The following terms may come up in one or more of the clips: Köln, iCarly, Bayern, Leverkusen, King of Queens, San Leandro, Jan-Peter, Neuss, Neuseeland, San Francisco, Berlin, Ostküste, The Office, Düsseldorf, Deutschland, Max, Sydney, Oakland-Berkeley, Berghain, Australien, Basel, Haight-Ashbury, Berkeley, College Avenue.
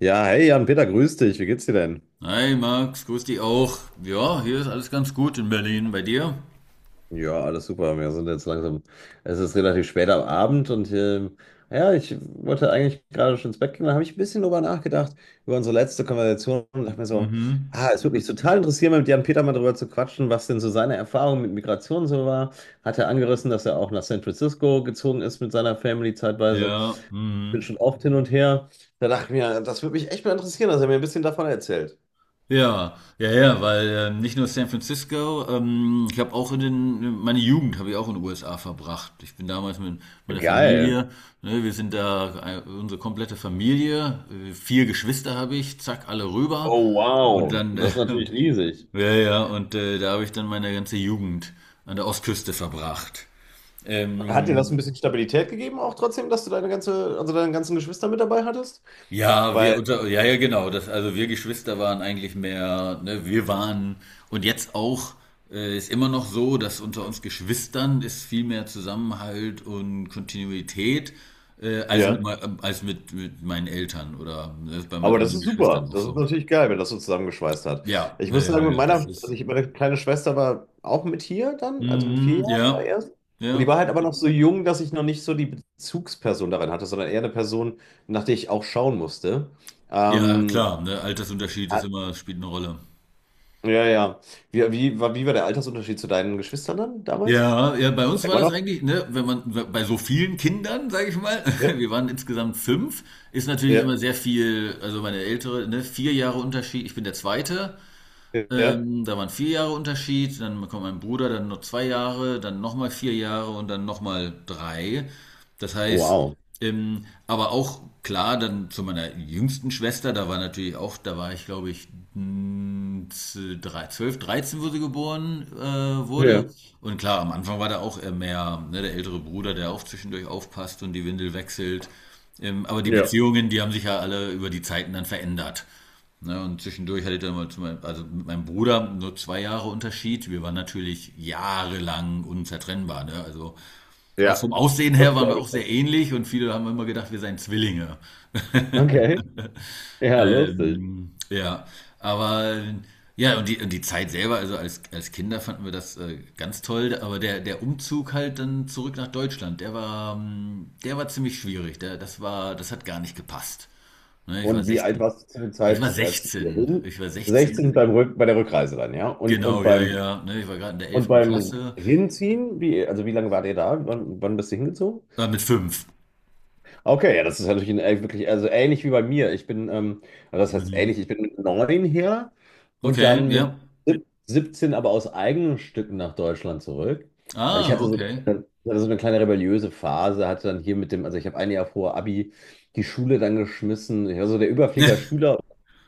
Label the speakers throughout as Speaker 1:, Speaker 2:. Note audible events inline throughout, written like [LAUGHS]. Speaker 1: Ja, hey Jan-Peter, grüß dich. Wie geht's dir denn?
Speaker 2: Hi Max, grüß dich auch. Ja, hier ist alles ganz gut in Berlin. Bei dir?
Speaker 1: Ja, alles super. Wir sind jetzt langsam. Es ist relativ spät am Abend und ja, ich wollte eigentlich gerade schon ins Bett gehen. Da habe ich ein bisschen drüber nachgedacht, über unsere letzte Konversation und dachte mir so,
Speaker 2: Mhm.
Speaker 1: ah, es würde mich total interessieren, mit Jan-Peter mal drüber zu quatschen, was denn so seine Erfahrung mit Migration so war. Hat er angerissen, dass er auch nach San Francisco gezogen ist mit seiner Family zeitweise.
Speaker 2: Ja,
Speaker 1: Bin
Speaker 2: mhm.
Speaker 1: schon oft hin und her. Da dachte ich mir, das würde mich echt mal interessieren, dass er mir ein bisschen davon erzählt.
Speaker 2: Ja, ja, ja, weil nicht nur San Francisco, ich habe auch meine Jugend habe ich auch in den USA verbracht. Ich bin damals mit meiner
Speaker 1: Geil.
Speaker 2: Familie, ne, wir sind da, unsere komplette Familie, vier Geschwister habe ich, zack, alle rüber.
Speaker 1: Oh,
Speaker 2: Und
Speaker 1: wow.
Speaker 2: dann,
Speaker 1: Das ist natürlich riesig.
Speaker 2: [LAUGHS] ja, ja, und da habe ich dann meine ganze Jugend an der Ostküste verbracht.
Speaker 1: Hat dir das
Speaker 2: Ähm,
Speaker 1: ein bisschen Stabilität gegeben, auch trotzdem, dass du deine ganze, also deine ganzen Geschwister mit dabei hattest?
Speaker 2: Ja,
Speaker 1: Weil,
Speaker 2: ja, ja, genau. Das, also wir Geschwister waren eigentlich mehr, ne, wir waren und jetzt auch ist immer noch so, dass unter uns Geschwistern ist viel mehr Zusammenhalt und Kontinuität äh, als mit,
Speaker 1: ja.
Speaker 2: mei- als mit meinen Eltern, oder das ist bei meinen
Speaker 1: Aber das
Speaker 2: anderen
Speaker 1: ist
Speaker 2: Geschwistern
Speaker 1: super.
Speaker 2: auch
Speaker 1: Das ist
Speaker 2: so.
Speaker 1: natürlich geil, wenn das so zusammengeschweißt hat.
Speaker 2: Ja,
Speaker 1: Ich
Speaker 2: ja,
Speaker 1: muss
Speaker 2: ja,
Speaker 1: sagen, mit
Speaker 2: ja,
Speaker 1: meiner,
Speaker 2: das
Speaker 1: also
Speaker 2: ist.
Speaker 1: ich, meine kleine Schwester war auch mit hier dann, also mit vier
Speaker 2: Mhm,
Speaker 1: Jahren war
Speaker 2: ja,
Speaker 1: erst. Und die
Speaker 2: ja,
Speaker 1: war halt aber noch so jung, dass ich noch nicht so die Bezugsperson darin hatte, sondern eher eine Person, nach der ich auch schauen musste.
Speaker 2: ja,
Speaker 1: Ähm,
Speaker 2: klar. Ne, Altersunterschied ist immer, spielt eine Rolle.
Speaker 1: ja, ja. Wie war der Altersunterschied zu deinen Geschwistern dann damals?
Speaker 2: Ja, ja, bei uns war
Speaker 1: Immer
Speaker 2: das
Speaker 1: noch?
Speaker 2: eigentlich, ne, wenn man bei so vielen Kindern, sage ich mal, [LAUGHS]
Speaker 1: Ja.
Speaker 2: wir waren insgesamt fünf, ist natürlich
Speaker 1: Ja,
Speaker 2: immer sehr viel, also meine ältere, ne, 4 Jahre Unterschied, ich bin der Zweite,
Speaker 1: ja,
Speaker 2: da waren 4 Jahre Unterschied, dann kommt mein Bruder, dann noch 2 Jahre, dann nochmal 4 Jahre und dann nochmal drei. Das heißt,
Speaker 1: wow,
Speaker 2: aber auch klar, dann zu meiner jüngsten Schwester, da war natürlich auch, da war ich glaube ich 12, 13, wo sie geboren wurde.
Speaker 1: ja,
Speaker 2: Und klar, am Anfang war da auch mehr, ne, der ältere Bruder, der auch zwischendurch aufpasst und die Windel wechselt. Aber die
Speaker 1: ja,
Speaker 2: Beziehungen, die haben sich ja alle über die Zeiten dann verändert. Ne, und zwischendurch hatte ich dann mal zu meinem, also mit meinem Bruder nur 2 Jahre Unterschied. Wir waren natürlich jahrelang unzertrennbar. Ne? Also auch
Speaker 1: ja,
Speaker 2: vom Aussehen
Speaker 1: das
Speaker 2: her waren wir
Speaker 1: glaube
Speaker 2: auch
Speaker 1: ich.
Speaker 2: sehr ähnlich und viele haben immer gedacht, wir seien Zwillinge.
Speaker 1: Okay. Ja, lustig.
Speaker 2: Ja, aber ja, und die Zeit selber, also als Kinder fanden wir das ganz toll, aber der Umzug halt dann zurück nach Deutschland, der war ziemlich schwierig. Das war, das hat gar nicht gepasst. Ne? Ich war
Speaker 1: Und wie alt
Speaker 2: 16.
Speaker 1: warst du zu der Zeit, als wir hin?
Speaker 2: Ich war
Speaker 1: 16
Speaker 2: 16
Speaker 1: bei der Rückreise dann, ja? Und
Speaker 2: Genau, ja,
Speaker 1: beim
Speaker 2: ja. Ne, ich war gerade in der
Speaker 1: und
Speaker 2: elften
Speaker 1: beim
Speaker 2: Klasse.
Speaker 1: Hinziehen, also wie lange wart ihr da? Wann bist du hingezogen?
Speaker 2: Mit 5.
Speaker 1: Okay, ja, das ist natürlich ein wirklich, also ähnlich wie bei mir. Ich bin, also das heißt ähnlich,
Speaker 2: Mhm.
Speaker 1: ich bin mit 9 her und
Speaker 2: Okay,
Speaker 1: dann mit
Speaker 2: ja.
Speaker 1: 17 aber aus eigenen Stücken nach Deutschland zurück. Weil ich
Speaker 2: Ah, okay.
Speaker 1: hatte so eine kleine rebelliöse Phase, hatte dann hier mit dem, also ich habe ein Jahr vor Abi die Schule dann geschmissen. Ich war so der
Speaker 2: [LAUGHS]
Speaker 1: Überflieger-Schüler,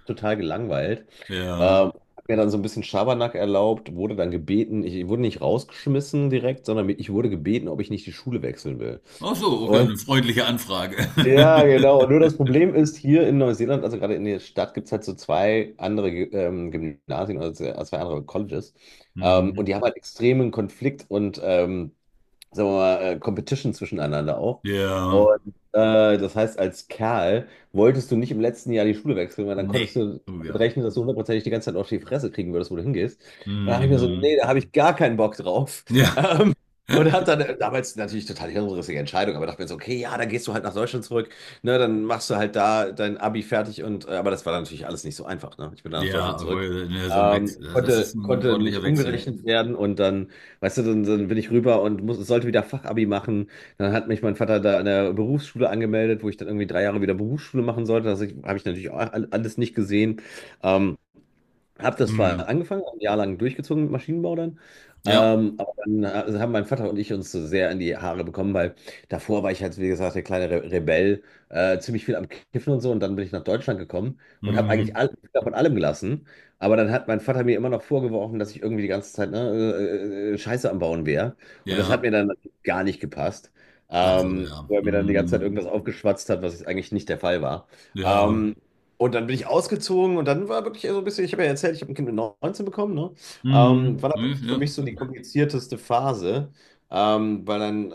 Speaker 1: total gelangweilt.
Speaker 2: Ja.
Speaker 1: Hab mir dann so ein bisschen Schabernack erlaubt, wurde dann gebeten, ich wurde nicht rausgeschmissen direkt, sondern ich wurde gebeten, ob ich nicht die Schule wechseln will.
Speaker 2: Ach so, okay, eine freundliche Anfrage.
Speaker 1: Ja, genau. Nur das
Speaker 2: [LAUGHS]
Speaker 1: Problem ist, hier in Neuseeland, also gerade in der Stadt, gibt es halt so zwei andere Gymnasien oder zwei andere Colleges.
Speaker 2: Mhm.
Speaker 1: Und die haben halt extremen Konflikt und, sagen wir mal, Competition zwischeneinander auch.
Speaker 2: Ja.
Speaker 1: Und das heißt, als Kerl wolltest du nicht im letzten Jahr die Schule wechseln, weil dann konntest du
Speaker 2: Nee. Oh
Speaker 1: damit
Speaker 2: ja.
Speaker 1: rechnen, dass du hundertprozentig die ganze Zeit auf die Fresse kriegen würdest, wo du hingehst. Und da habe ich mir so,
Speaker 2: Mhm.
Speaker 1: nee, da habe ich gar keinen Bock drauf.
Speaker 2: Ja.
Speaker 1: Und habe
Speaker 2: [LAUGHS]
Speaker 1: dann damals natürlich total die hirnrissige Entscheidung, aber dachte mir so, okay, ja, dann gehst du halt nach Deutschland zurück, ne, dann machst du halt da dein Abi fertig und, aber das war dann natürlich alles nicht so einfach, ne? Ich bin dann nach
Speaker 2: Ja,
Speaker 1: Deutschland zurück.
Speaker 2: obwohl, ne, so ein Wechsel. Das ist ein
Speaker 1: Konnte
Speaker 2: ordentlicher
Speaker 1: nicht
Speaker 2: Wechsel.
Speaker 1: umgerechnet werden und dann, weißt du, dann bin ich rüber und sollte wieder Fachabi machen. Dann hat mich mein Vater da an der Berufsschule angemeldet, wo ich dann irgendwie 3 Jahre wieder Berufsschule machen sollte. Das habe ich natürlich auch alles nicht gesehen. Ähm, habe das zwar
Speaker 2: Mhm.
Speaker 1: angefangen, ein Jahr lang durchgezogen mit Maschinenbau dann,
Speaker 2: Ja.
Speaker 1: ähm, aber dann äh, also haben mein Vater und ich uns so sehr in die Haare bekommen, weil davor war ich halt, wie gesagt, der kleine Re Rebell, ziemlich viel am Kiffen und so und dann bin ich nach Deutschland gekommen und habe eigentlich
Speaker 2: Mhm.
Speaker 1: alles von allem gelassen, aber dann hat mein Vater mir immer noch vorgeworfen, dass ich irgendwie die ganze Zeit Scheiße am Bauen wäre und das hat
Speaker 2: Ja.
Speaker 1: mir dann gar nicht gepasst,
Speaker 2: Ach so,
Speaker 1: ähm,
Speaker 2: ja.
Speaker 1: weil er mir dann die ganze Zeit
Speaker 2: Mhm.
Speaker 1: irgendwas aufgeschwatzt hat, was eigentlich nicht der Fall war.
Speaker 2: Ja.
Speaker 1: Ähm, und dann bin ich ausgezogen und dann war wirklich so ein bisschen, ich habe ja erzählt, ich habe ein Kind mit 19 bekommen, ne?
Speaker 2: Mhm.
Speaker 1: War dann wirklich für
Speaker 2: Ja.
Speaker 1: mich so die komplizierteste Phase. Weil dann,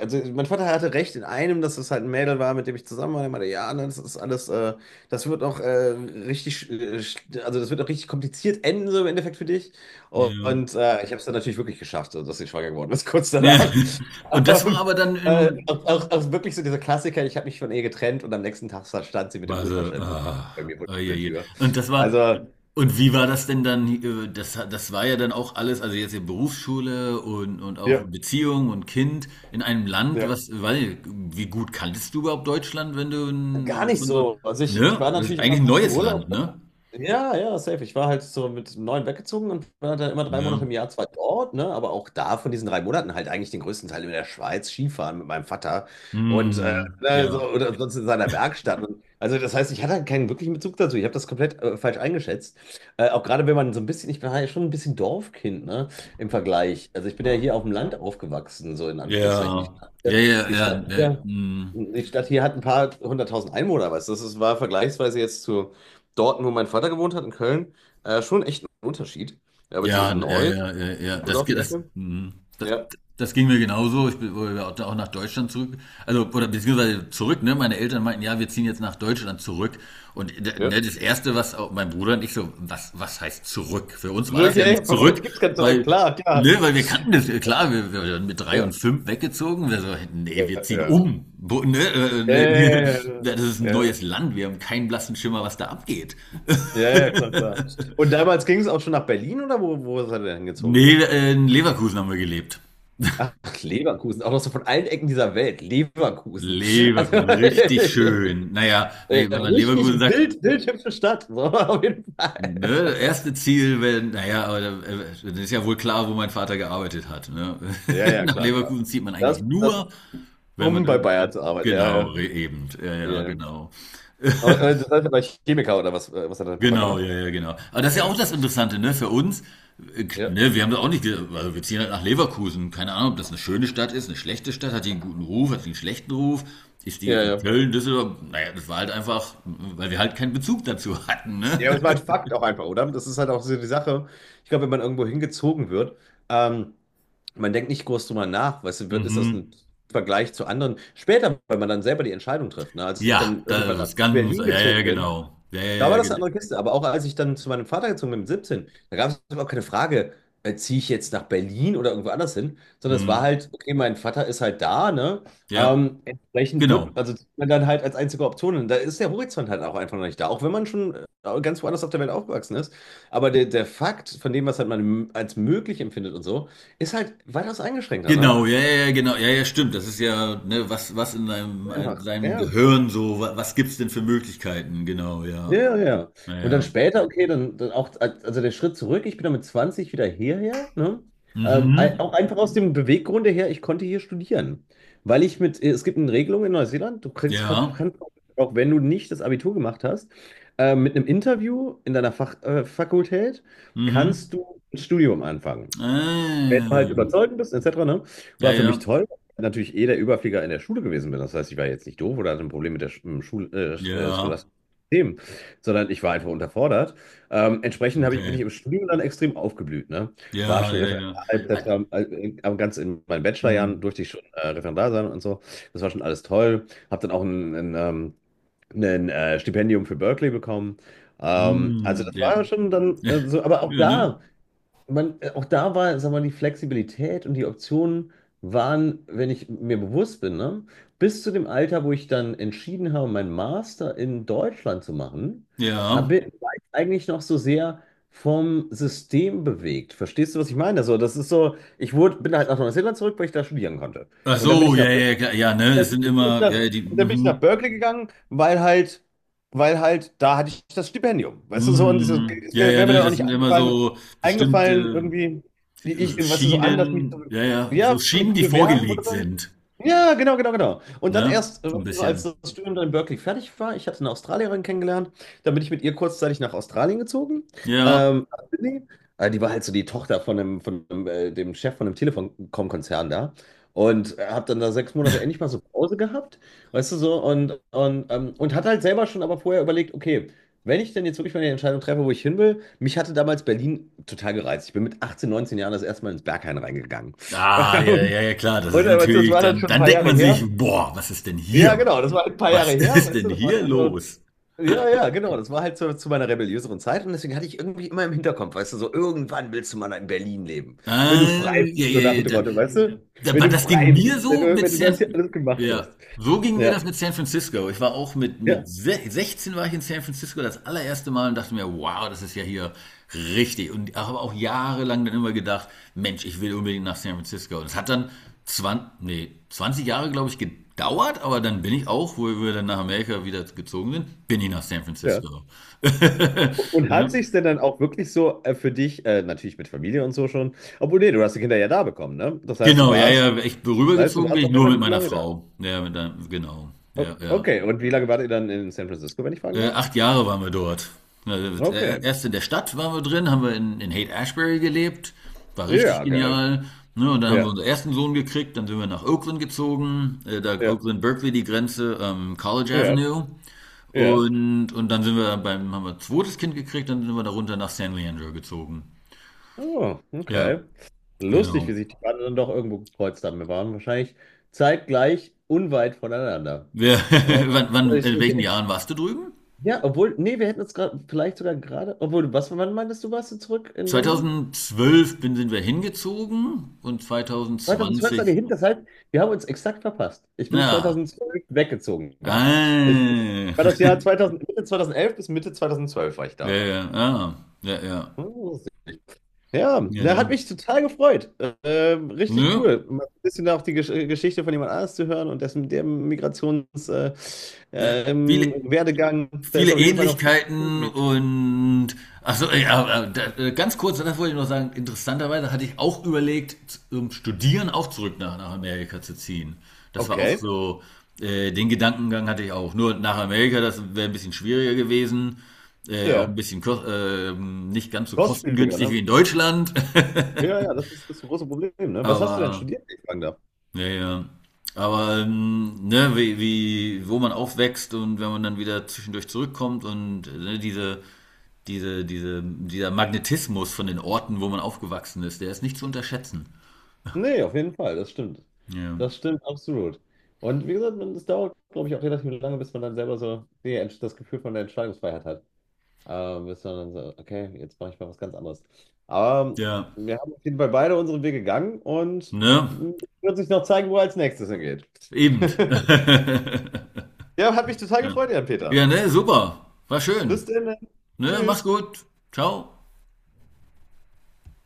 Speaker 1: also mein Vater hatte recht in einem, dass es halt ein Mädel war, mit dem ich zusammen war. Er meinte, ja, ne, das ist alles, das wird auch richtig, also das wird auch richtig kompliziert enden, so im Endeffekt für dich.
Speaker 2: Ja.
Speaker 1: Und ich habe es dann natürlich wirklich geschafft, also, dass sie schwanger geworden ist, [LAUGHS] kurz
Speaker 2: Ja.
Speaker 1: danach.
Speaker 2: [LAUGHS] Und das war
Speaker 1: Ähm,
Speaker 2: aber dann
Speaker 1: äh,
Speaker 2: in
Speaker 1: auch, auch, auch wirklich so dieser Klassiker, ich habe mich von ihr getrennt und am nächsten Tag stand sie mit dem
Speaker 2: Basel.
Speaker 1: Ultraschall
Speaker 2: Ah,
Speaker 1: bei mir vor
Speaker 2: ah, je,
Speaker 1: der
Speaker 2: je.
Speaker 1: Tür. Also,
Speaker 2: Und wie war das denn dann? Das war ja dann auch alles, also jetzt in Berufsschule und auch
Speaker 1: ja,
Speaker 2: Beziehung und Kind in einem Land,
Speaker 1: ja,
Speaker 2: was, weiß ich, wie gut kanntest du überhaupt Deutschland, wenn du
Speaker 1: gar nicht
Speaker 2: von so,
Speaker 1: so. Also ich
Speaker 2: ne?
Speaker 1: war
Speaker 2: Das ist
Speaker 1: natürlich immer
Speaker 2: eigentlich ein
Speaker 1: im
Speaker 2: neues Land,
Speaker 1: Urlaub.
Speaker 2: ne?
Speaker 1: Ja, ja, safe. Ich war halt so mit 9 weggezogen und war dann immer drei
Speaker 2: Ne?
Speaker 1: Monate im Jahr zwar dort, ne, aber auch da von diesen 3 Monaten halt eigentlich den größten Teil in der Schweiz Skifahren mit meinem Vater und,
Speaker 2: Hm,
Speaker 1: ne, so,
Speaker 2: ja,
Speaker 1: oder sonst in seiner Werkstatt. Und, also das heißt, ich hatte halt keinen wirklichen Bezug dazu. Ich habe das komplett falsch eingeschätzt. Auch gerade wenn man so ein bisschen, ich bin halt schon ein bisschen Dorfkind, ne, im Vergleich. Also ich bin ja hier auf dem Land aufgewachsen, so in Anführungszeichen.
Speaker 2: ja, ja, ja,
Speaker 1: Die
Speaker 2: ja,
Speaker 1: Stadt
Speaker 2: ne,
Speaker 1: hier,
Speaker 2: hm.
Speaker 1: Die Stadt hier hat ein paar hunderttausend Einwohner, weißt du. Das ist, war vergleichsweise jetzt zu dort, wo mein Vater gewohnt hat, in Köln, schon echt ein Unterschied. Ja, beziehungsweise
Speaker 2: Ja, ja,
Speaker 1: Neuss,
Speaker 2: ja, ja, ja.
Speaker 1: Düsseldorf die Ecke.
Speaker 2: Mhm. das,
Speaker 1: Ja,
Speaker 2: das ging mir genauso. Ich bin wurde auch nach Deutschland zurück. Also, oder beziehungsweise zurück, ne? Meine Eltern meinten, ja, wir ziehen jetzt nach Deutschland zurück. Und ne,
Speaker 1: ja.
Speaker 2: das Erste, was auch mein Bruder und ich so, was heißt zurück? Für uns war das
Speaker 1: Zurück,
Speaker 2: ja
Speaker 1: ey,
Speaker 2: nicht
Speaker 1: bei
Speaker 2: zurück,
Speaker 1: euch gibt's kein Zurück,
Speaker 2: weil,
Speaker 1: klar, klar.
Speaker 2: ne, weil wir kannten das, klar, wir waren mit drei
Speaker 1: Ja,
Speaker 2: und fünf weggezogen. Wir so,
Speaker 1: ja,
Speaker 2: nee, wir ziehen
Speaker 1: ja.
Speaker 2: um. Bo, ne,
Speaker 1: Ja,
Speaker 2: ne,
Speaker 1: ja,
Speaker 2: [LAUGHS]
Speaker 1: ja,
Speaker 2: das ist ein
Speaker 1: ja, ja,
Speaker 2: neues Land, wir haben keinen blassen Schimmer, was da abgeht.
Speaker 1: Ja,
Speaker 2: [LAUGHS]
Speaker 1: ja, ja, klar, klar. Und damals ging es auch schon nach Berlin oder wo seid ihr denn hingezogen?
Speaker 2: Nee, in Leverkusen haben wir gelebt.
Speaker 1: Ach, Leverkusen, auch noch so von allen Ecken dieser Welt. Leverkusen. Also,
Speaker 2: Leverkusen, richtig schön. Naja,
Speaker 1: [LAUGHS]
Speaker 2: wenn wenn man
Speaker 1: richtig
Speaker 2: Leverkusen sagt,
Speaker 1: wild, wild hübsche Stadt. So, auf jeden Fall.
Speaker 2: ne, erste Ziel, wenn, naja, aber da, dann ist ja wohl klar, wo mein Vater gearbeitet hat. Ne?
Speaker 1: Ja,
Speaker 2: [LAUGHS]
Speaker 1: ja,
Speaker 2: Nach
Speaker 1: klar, klar.
Speaker 2: Leverkusen zieht man eigentlich
Speaker 1: Das,
Speaker 2: nur, wenn
Speaker 1: um
Speaker 2: man
Speaker 1: bei Bayern zu arbeiten, ja,
Speaker 2: genau,
Speaker 1: ja.
Speaker 2: eben, ja, ja,
Speaker 1: Ja.
Speaker 2: genau.
Speaker 1: Aber das heißt aber Chemiker oder was, was hat dein Papa
Speaker 2: Genau, ja,
Speaker 1: gemacht?
Speaker 2: ja, genau. Aber das ist ja auch
Speaker 1: Ja.
Speaker 2: das Interessante, ne? Für uns,
Speaker 1: Ja,
Speaker 2: ne, wir haben da auch nicht, also wir ziehen halt nach Leverkusen. Keine Ahnung, ob das eine schöne Stadt ist, eine schlechte Stadt, hat die einen guten Ruf, hat die einen schlechten Ruf, ist die
Speaker 1: ja,
Speaker 2: in
Speaker 1: ja.
Speaker 2: Köln, Düsseldorf, naja, das war halt einfach, weil wir halt keinen Bezug dazu hatten, ne?
Speaker 1: Ja, ich meine,
Speaker 2: [LAUGHS]
Speaker 1: Fakt auch einfach, oder? Das ist halt auch so die Sache. Ich glaube, wenn man irgendwo hingezogen wird, ähm, man denkt nicht groß drüber nach, weißt du, ist das ein
Speaker 2: Mhm.
Speaker 1: Vergleich zu anderen? Später, wenn man dann selber die Entscheidung trifft, ne? Als ich
Speaker 2: Ja,
Speaker 1: dann irgendwann
Speaker 2: das
Speaker 1: nach
Speaker 2: ist ganz,
Speaker 1: Berlin
Speaker 2: ja, ja, ja,
Speaker 1: gezogen bin,
Speaker 2: genau. Ja, ja,
Speaker 1: da war
Speaker 2: ja,
Speaker 1: das eine andere Kiste. Aber auch als ich dann zu meinem Vater gezogen bin mit 17, da gab es überhaupt keine Frage, ziehe ich jetzt nach Berlin oder irgendwo anders hin, sondern es war
Speaker 2: hm.
Speaker 1: halt, okay, mein Vater ist halt da, ne?
Speaker 2: Ja,
Speaker 1: Entsprechend
Speaker 2: genau.
Speaker 1: also zieht man dann halt als einzige Option hin. Da ist der Horizont halt auch einfach noch nicht da, auch wenn man schon ganz woanders auf der Welt aufgewachsen ist. Aber der Fakt von dem, was halt man als möglich empfindet und so, ist halt weitaus eingeschränkter, ne?
Speaker 2: Genau, ja, ja, ja, genau, ja, ja, stimmt. Das ist ja, ne, was in deinem,
Speaker 1: Einfach,
Speaker 2: deinem
Speaker 1: ja.
Speaker 2: Gehirn so, was gibt's denn für Möglichkeiten? Genau,
Speaker 1: Ja,
Speaker 2: ja.
Speaker 1: ja, ja. Und dann
Speaker 2: Naja.
Speaker 1: später, okay, dann auch, also der Schritt zurück, ich bin dann mit 20 wieder hierher, ne?
Speaker 2: Mhm.
Speaker 1: Auch einfach aus dem Beweggrund her, ich konnte hier studieren. Weil ich mit, es gibt eine Regelung in Neuseeland, du kriegst, kannst,
Speaker 2: Ja.
Speaker 1: kannst auch, auch wenn du nicht das Abitur gemacht hast, mit einem Interview in deiner Fakultät
Speaker 2: Mhm.
Speaker 1: kannst du ein Studium anfangen. Wenn du halt
Speaker 2: Ähm.
Speaker 1: überzeugend bist, etc., ne?
Speaker 2: Ja,
Speaker 1: War für mich
Speaker 2: ja.
Speaker 1: toll, weil ich natürlich eh der Überflieger in der Schule gewesen bin. Das heißt, ich war jetzt nicht doof oder hatte ein Problem mit der im
Speaker 2: Ja.
Speaker 1: scholastischen System, sondern ich war einfach unterfordert. Entsprechend bin ich
Speaker 2: Okay.
Speaker 1: im Studium dann extrem aufgeblüht, ne? War
Speaker 2: Ja,
Speaker 1: schon
Speaker 2: ja, ja.
Speaker 1: Referendar,
Speaker 2: Ah,
Speaker 1: etc., aber ganz in meinen Bachelorjahren
Speaker 2: mm,
Speaker 1: durfte ich schon Referendar sein und so. Das war schon alles toll. Habe dann auch ein Stipendium für Berkeley bekommen. Ähm, also
Speaker 2: mm,
Speaker 1: das
Speaker 2: ja.
Speaker 1: war schon dann äh,
Speaker 2: [LAUGHS]
Speaker 1: so, aber auch
Speaker 2: Ja, ne?
Speaker 1: da auch da war, sag mal, die Flexibilität und die Optionen waren, wenn ich mir bewusst bin, ne, bis zu dem Alter, wo ich dann entschieden habe, meinen Master in Deutschland zu machen,
Speaker 2: Ja.
Speaker 1: war ich eigentlich noch so sehr vom System bewegt. Verstehst du, was ich meine? Also, das ist so, bin halt nach Neuseeland zurück, weil ich da studieren konnte.
Speaker 2: Ach
Speaker 1: Und dann bin
Speaker 2: so,
Speaker 1: ich nach
Speaker 2: ja, ja, klar, ja, ne?
Speaker 1: äh,
Speaker 2: Es
Speaker 1: bin
Speaker 2: sind immer, ja, ja, die,
Speaker 1: Und dann bin ich nach
Speaker 2: mhm.
Speaker 1: Berkeley gegangen, weil halt da hatte ich das Stipendium. Weißt du, so, und es ist,
Speaker 2: Mhm.
Speaker 1: es
Speaker 2: Ja,
Speaker 1: wäre
Speaker 2: ja,
Speaker 1: wär mir
Speaker 2: ne?
Speaker 1: dann auch
Speaker 2: Das
Speaker 1: nicht
Speaker 2: sind immer
Speaker 1: eingefallen,
Speaker 2: so
Speaker 1: eingefallen
Speaker 2: bestimmte
Speaker 1: irgendwie, wie ich, weißt du, so anders
Speaker 2: Schienen, ja, ja, so
Speaker 1: ja, mich
Speaker 2: Schienen,
Speaker 1: zu
Speaker 2: die
Speaker 1: bewerben oder
Speaker 2: vorgelegt
Speaker 1: so.
Speaker 2: sind,
Speaker 1: Ja, genau, genau, genau. Und dann
Speaker 2: ne?
Speaker 1: erst,
Speaker 2: So ein
Speaker 1: so als
Speaker 2: bisschen.
Speaker 1: das Studium dann in Berkeley fertig war, ich hatte eine Australierin kennengelernt, dann bin ich mit ihr kurzzeitig nach Australien gezogen,
Speaker 2: Ja.
Speaker 1: nach Sydney. Die war halt so die Tochter von dem, dem Chef von dem Telekom-Konzern da. Und habe dann da 6 Monate endlich mal so Pause gehabt, weißt du so, und hat halt selber schon aber vorher überlegt, okay, wenn ich denn jetzt wirklich mal die Entscheidung treffe, wo ich hin will, mich hatte damals Berlin total gereizt. Ich bin mit 18, 19 Jahren das erste Mal ins Berghain reingegangen.
Speaker 2: Ah, ja,
Speaker 1: [LAUGHS]
Speaker 2: ja, ja, klar, das
Speaker 1: Und,
Speaker 2: ist
Speaker 1: äh, weißt du, das
Speaker 2: natürlich,
Speaker 1: war dann
Speaker 2: dann,
Speaker 1: schon ein
Speaker 2: dann
Speaker 1: paar
Speaker 2: denkt
Speaker 1: Jahre
Speaker 2: man sich,
Speaker 1: her.
Speaker 2: boah, was ist denn
Speaker 1: Ja,
Speaker 2: hier?
Speaker 1: genau, das war halt ein paar Jahre
Speaker 2: Was [LAUGHS]
Speaker 1: her,
Speaker 2: ist
Speaker 1: weißt du,
Speaker 2: denn
Speaker 1: das war
Speaker 2: hier
Speaker 1: schon so.
Speaker 2: los?
Speaker 1: Ja, ja, genau, das war halt so zu meiner rebelliöseren Zeit und deswegen hatte ich irgendwie immer im Hinterkopf, weißt du, so irgendwann willst du mal in Berlin leben, wenn du frei
Speaker 2: Ah,
Speaker 1: bist,
Speaker 2: ja,
Speaker 1: so
Speaker 2: ja,
Speaker 1: nach dem
Speaker 2: ja,
Speaker 1: Motto, weißt du, wenn
Speaker 2: aber
Speaker 1: du
Speaker 2: das ging
Speaker 1: frei
Speaker 2: mir
Speaker 1: bist, wenn
Speaker 2: so
Speaker 1: du,
Speaker 2: mit
Speaker 1: wenn du das hier
Speaker 2: San,
Speaker 1: alles gemacht
Speaker 2: ja,
Speaker 1: hast.
Speaker 2: so ging mir
Speaker 1: Ja,
Speaker 2: das mit San Francisco. Ich war auch mit, mit
Speaker 1: ja,
Speaker 2: se- 16 war ich in San Francisco das allererste Mal und dachte mir, wow, das ist ja hier richtig. Und habe auch jahrelang dann immer gedacht, Mensch, ich will unbedingt nach San Francisco. Und es hat dann 20 Jahre, glaube ich, gedauert, aber dann bin ich auch, wo wir dann nach Amerika wieder gezogen sind, bin ich nach San
Speaker 1: ja.
Speaker 2: Francisco. [LAUGHS]
Speaker 1: Und hat
Speaker 2: Ne?
Speaker 1: sich denn dann auch wirklich so für dich, natürlich mit Familie und so schon, obwohl nee, du hast die Kinder ja da bekommen, ne? Das heißt,
Speaker 2: Genau, ja, ja, ich
Speaker 1: das heißt, du
Speaker 2: rübergezogen bin
Speaker 1: warst
Speaker 2: ich
Speaker 1: auch
Speaker 2: nur mit
Speaker 1: relativ
Speaker 2: meiner
Speaker 1: lange da.
Speaker 2: Frau. Ja, mit deinem, genau. Ja,
Speaker 1: O
Speaker 2: ja.
Speaker 1: okay, und wie lange wart ihr dann in San Francisco, wenn ich fragen darf?
Speaker 2: 8 Jahre waren wir dort.
Speaker 1: Okay,
Speaker 2: Erst in der Stadt waren wir drin, haben wir in Haight-Ashbury gelebt, war richtig
Speaker 1: ja, geil.
Speaker 2: genial. Ne, und dann haben wir
Speaker 1: Ja,
Speaker 2: unseren ersten Sohn gekriegt, dann sind wir nach Oakland gezogen, da
Speaker 1: ja,
Speaker 2: Oakland-Berkeley die Grenze, College
Speaker 1: ja,
Speaker 2: Avenue.
Speaker 1: ja.
Speaker 2: Und dann sind wir beim, haben wir ein zweites Kind gekriegt, dann sind wir da runter nach San Leandro gezogen.
Speaker 1: Oh,
Speaker 2: Ja,
Speaker 1: okay. Lustig,
Speaker 2: genau.
Speaker 1: wie sich die Pfade dann doch irgendwo gekreuzt haben. Wir waren wahrscheinlich zeitgleich unweit voneinander.
Speaker 2: Wer, [LAUGHS]
Speaker 1: Aber
Speaker 2: wann,
Speaker 1: also
Speaker 2: wann, in welchen
Speaker 1: ich,
Speaker 2: Jahren warst du drüben?
Speaker 1: [LAUGHS] ja, obwohl, nee, wir hätten uns gerade, vielleicht sogar gerade, obwohl, wann meintest du, warst du zurück in Berlin?
Speaker 2: 2012 sind wir hingezogen und
Speaker 1: 2012 seid ihr
Speaker 2: 2020,
Speaker 1: hin, das heißt, wir haben uns exakt verpasst. Ich bin
Speaker 2: na,
Speaker 1: 2012 weggezogen da. Ich
Speaker 2: ah.
Speaker 1: war das
Speaker 2: [LAUGHS]
Speaker 1: Jahr 2000, Mitte 2011 bis Mitte 2012 war ich
Speaker 2: Ja,
Speaker 1: da.
Speaker 2: ja, ah. Ja, ja.
Speaker 1: Hm, ja,
Speaker 2: Ja,
Speaker 1: der
Speaker 2: ne?
Speaker 1: hat mich total gefreut. Richtig
Speaker 2: Nö.
Speaker 1: cool. Mal ein bisschen auch die Geschichte von jemand anders zu hören und dessen der Migrations
Speaker 2: Ne, viele,
Speaker 1: Werdegang, da ist
Speaker 2: viele
Speaker 1: auf jeden Fall noch viel im
Speaker 2: Ähnlichkeiten
Speaker 1: Gebiet.
Speaker 2: und ach so, ja, ganz kurz, das wollte ich noch sagen, interessanterweise hatte ich auch überlegt, Studieren auch zurück nach Amerika zu ziehen. Das war auch
Speaker 1: Okay.
Speaker 2: so, den Gedankengang hatte ich auch. Nur nach Amerika, das wäre ein bisschen schwieriger gewesen, auch ein
Speaker 1: Ja.
Speaker 2: bisschen nicht ganz so
Speaker 1: Kostspieliger,
Speaker 2: kostengünstig
Speaker 1: ne?
Speaker 2: wie in Deutschland. [LAUGHS]
Speaker 1: Ja, ja, das ist das große Problem, ne? Was hast du denn
Speaker 2: Aber
Speaker 1: studiert, wenn ich fragen darf?
Speaker 2: Ja, ja. Aber ne, wie, wo man aufwächst und wenn man dann wieder zwischendurch zurückkommt und ne, dieser Magnetismus von den Orten, wo man aufgewachsen ist, der ist nicht zu unterschätzen.
Speaker 1: Nee, auf jeden Fall, das stimmt.
Speaker 2: Ja.
Speaker 1: Das stimmt absolut. Und wie gesagt, es dauert, glaube ich, auch relativ lange, bis man dann selber so das Gefühl von der Entscheidungsfreiheit hat. Bis man dann so, okay, jetzt mache ich mal was ganz anderes. Aber
Speaker 2: Ja.
Speaker 1: ähm, wir haben auf jeden Fall beide unseren Weg gegangen und
Speaker 2: Ne?
Speaker 1: hm, wird sich noch zeigen, wo er als nächstes hingeht.
Speaker 2: Eben.
Speaker 1: [LAUGHS]
Speaker 2: [LAUGHS]
Speaker 1: Ja, hat mich total
Speaker 2: Ja.
Speaker 1: gefreut, Jan-Peter.
Speaker 2: Ja, ne, super. War
Speaker 1: Bis
Speaker 2: schön.
Speaker 1: dann.
Speaker 2: Ne, mach's
Speaker 1: Tschüss.
Speaker 2: gut. Ciao.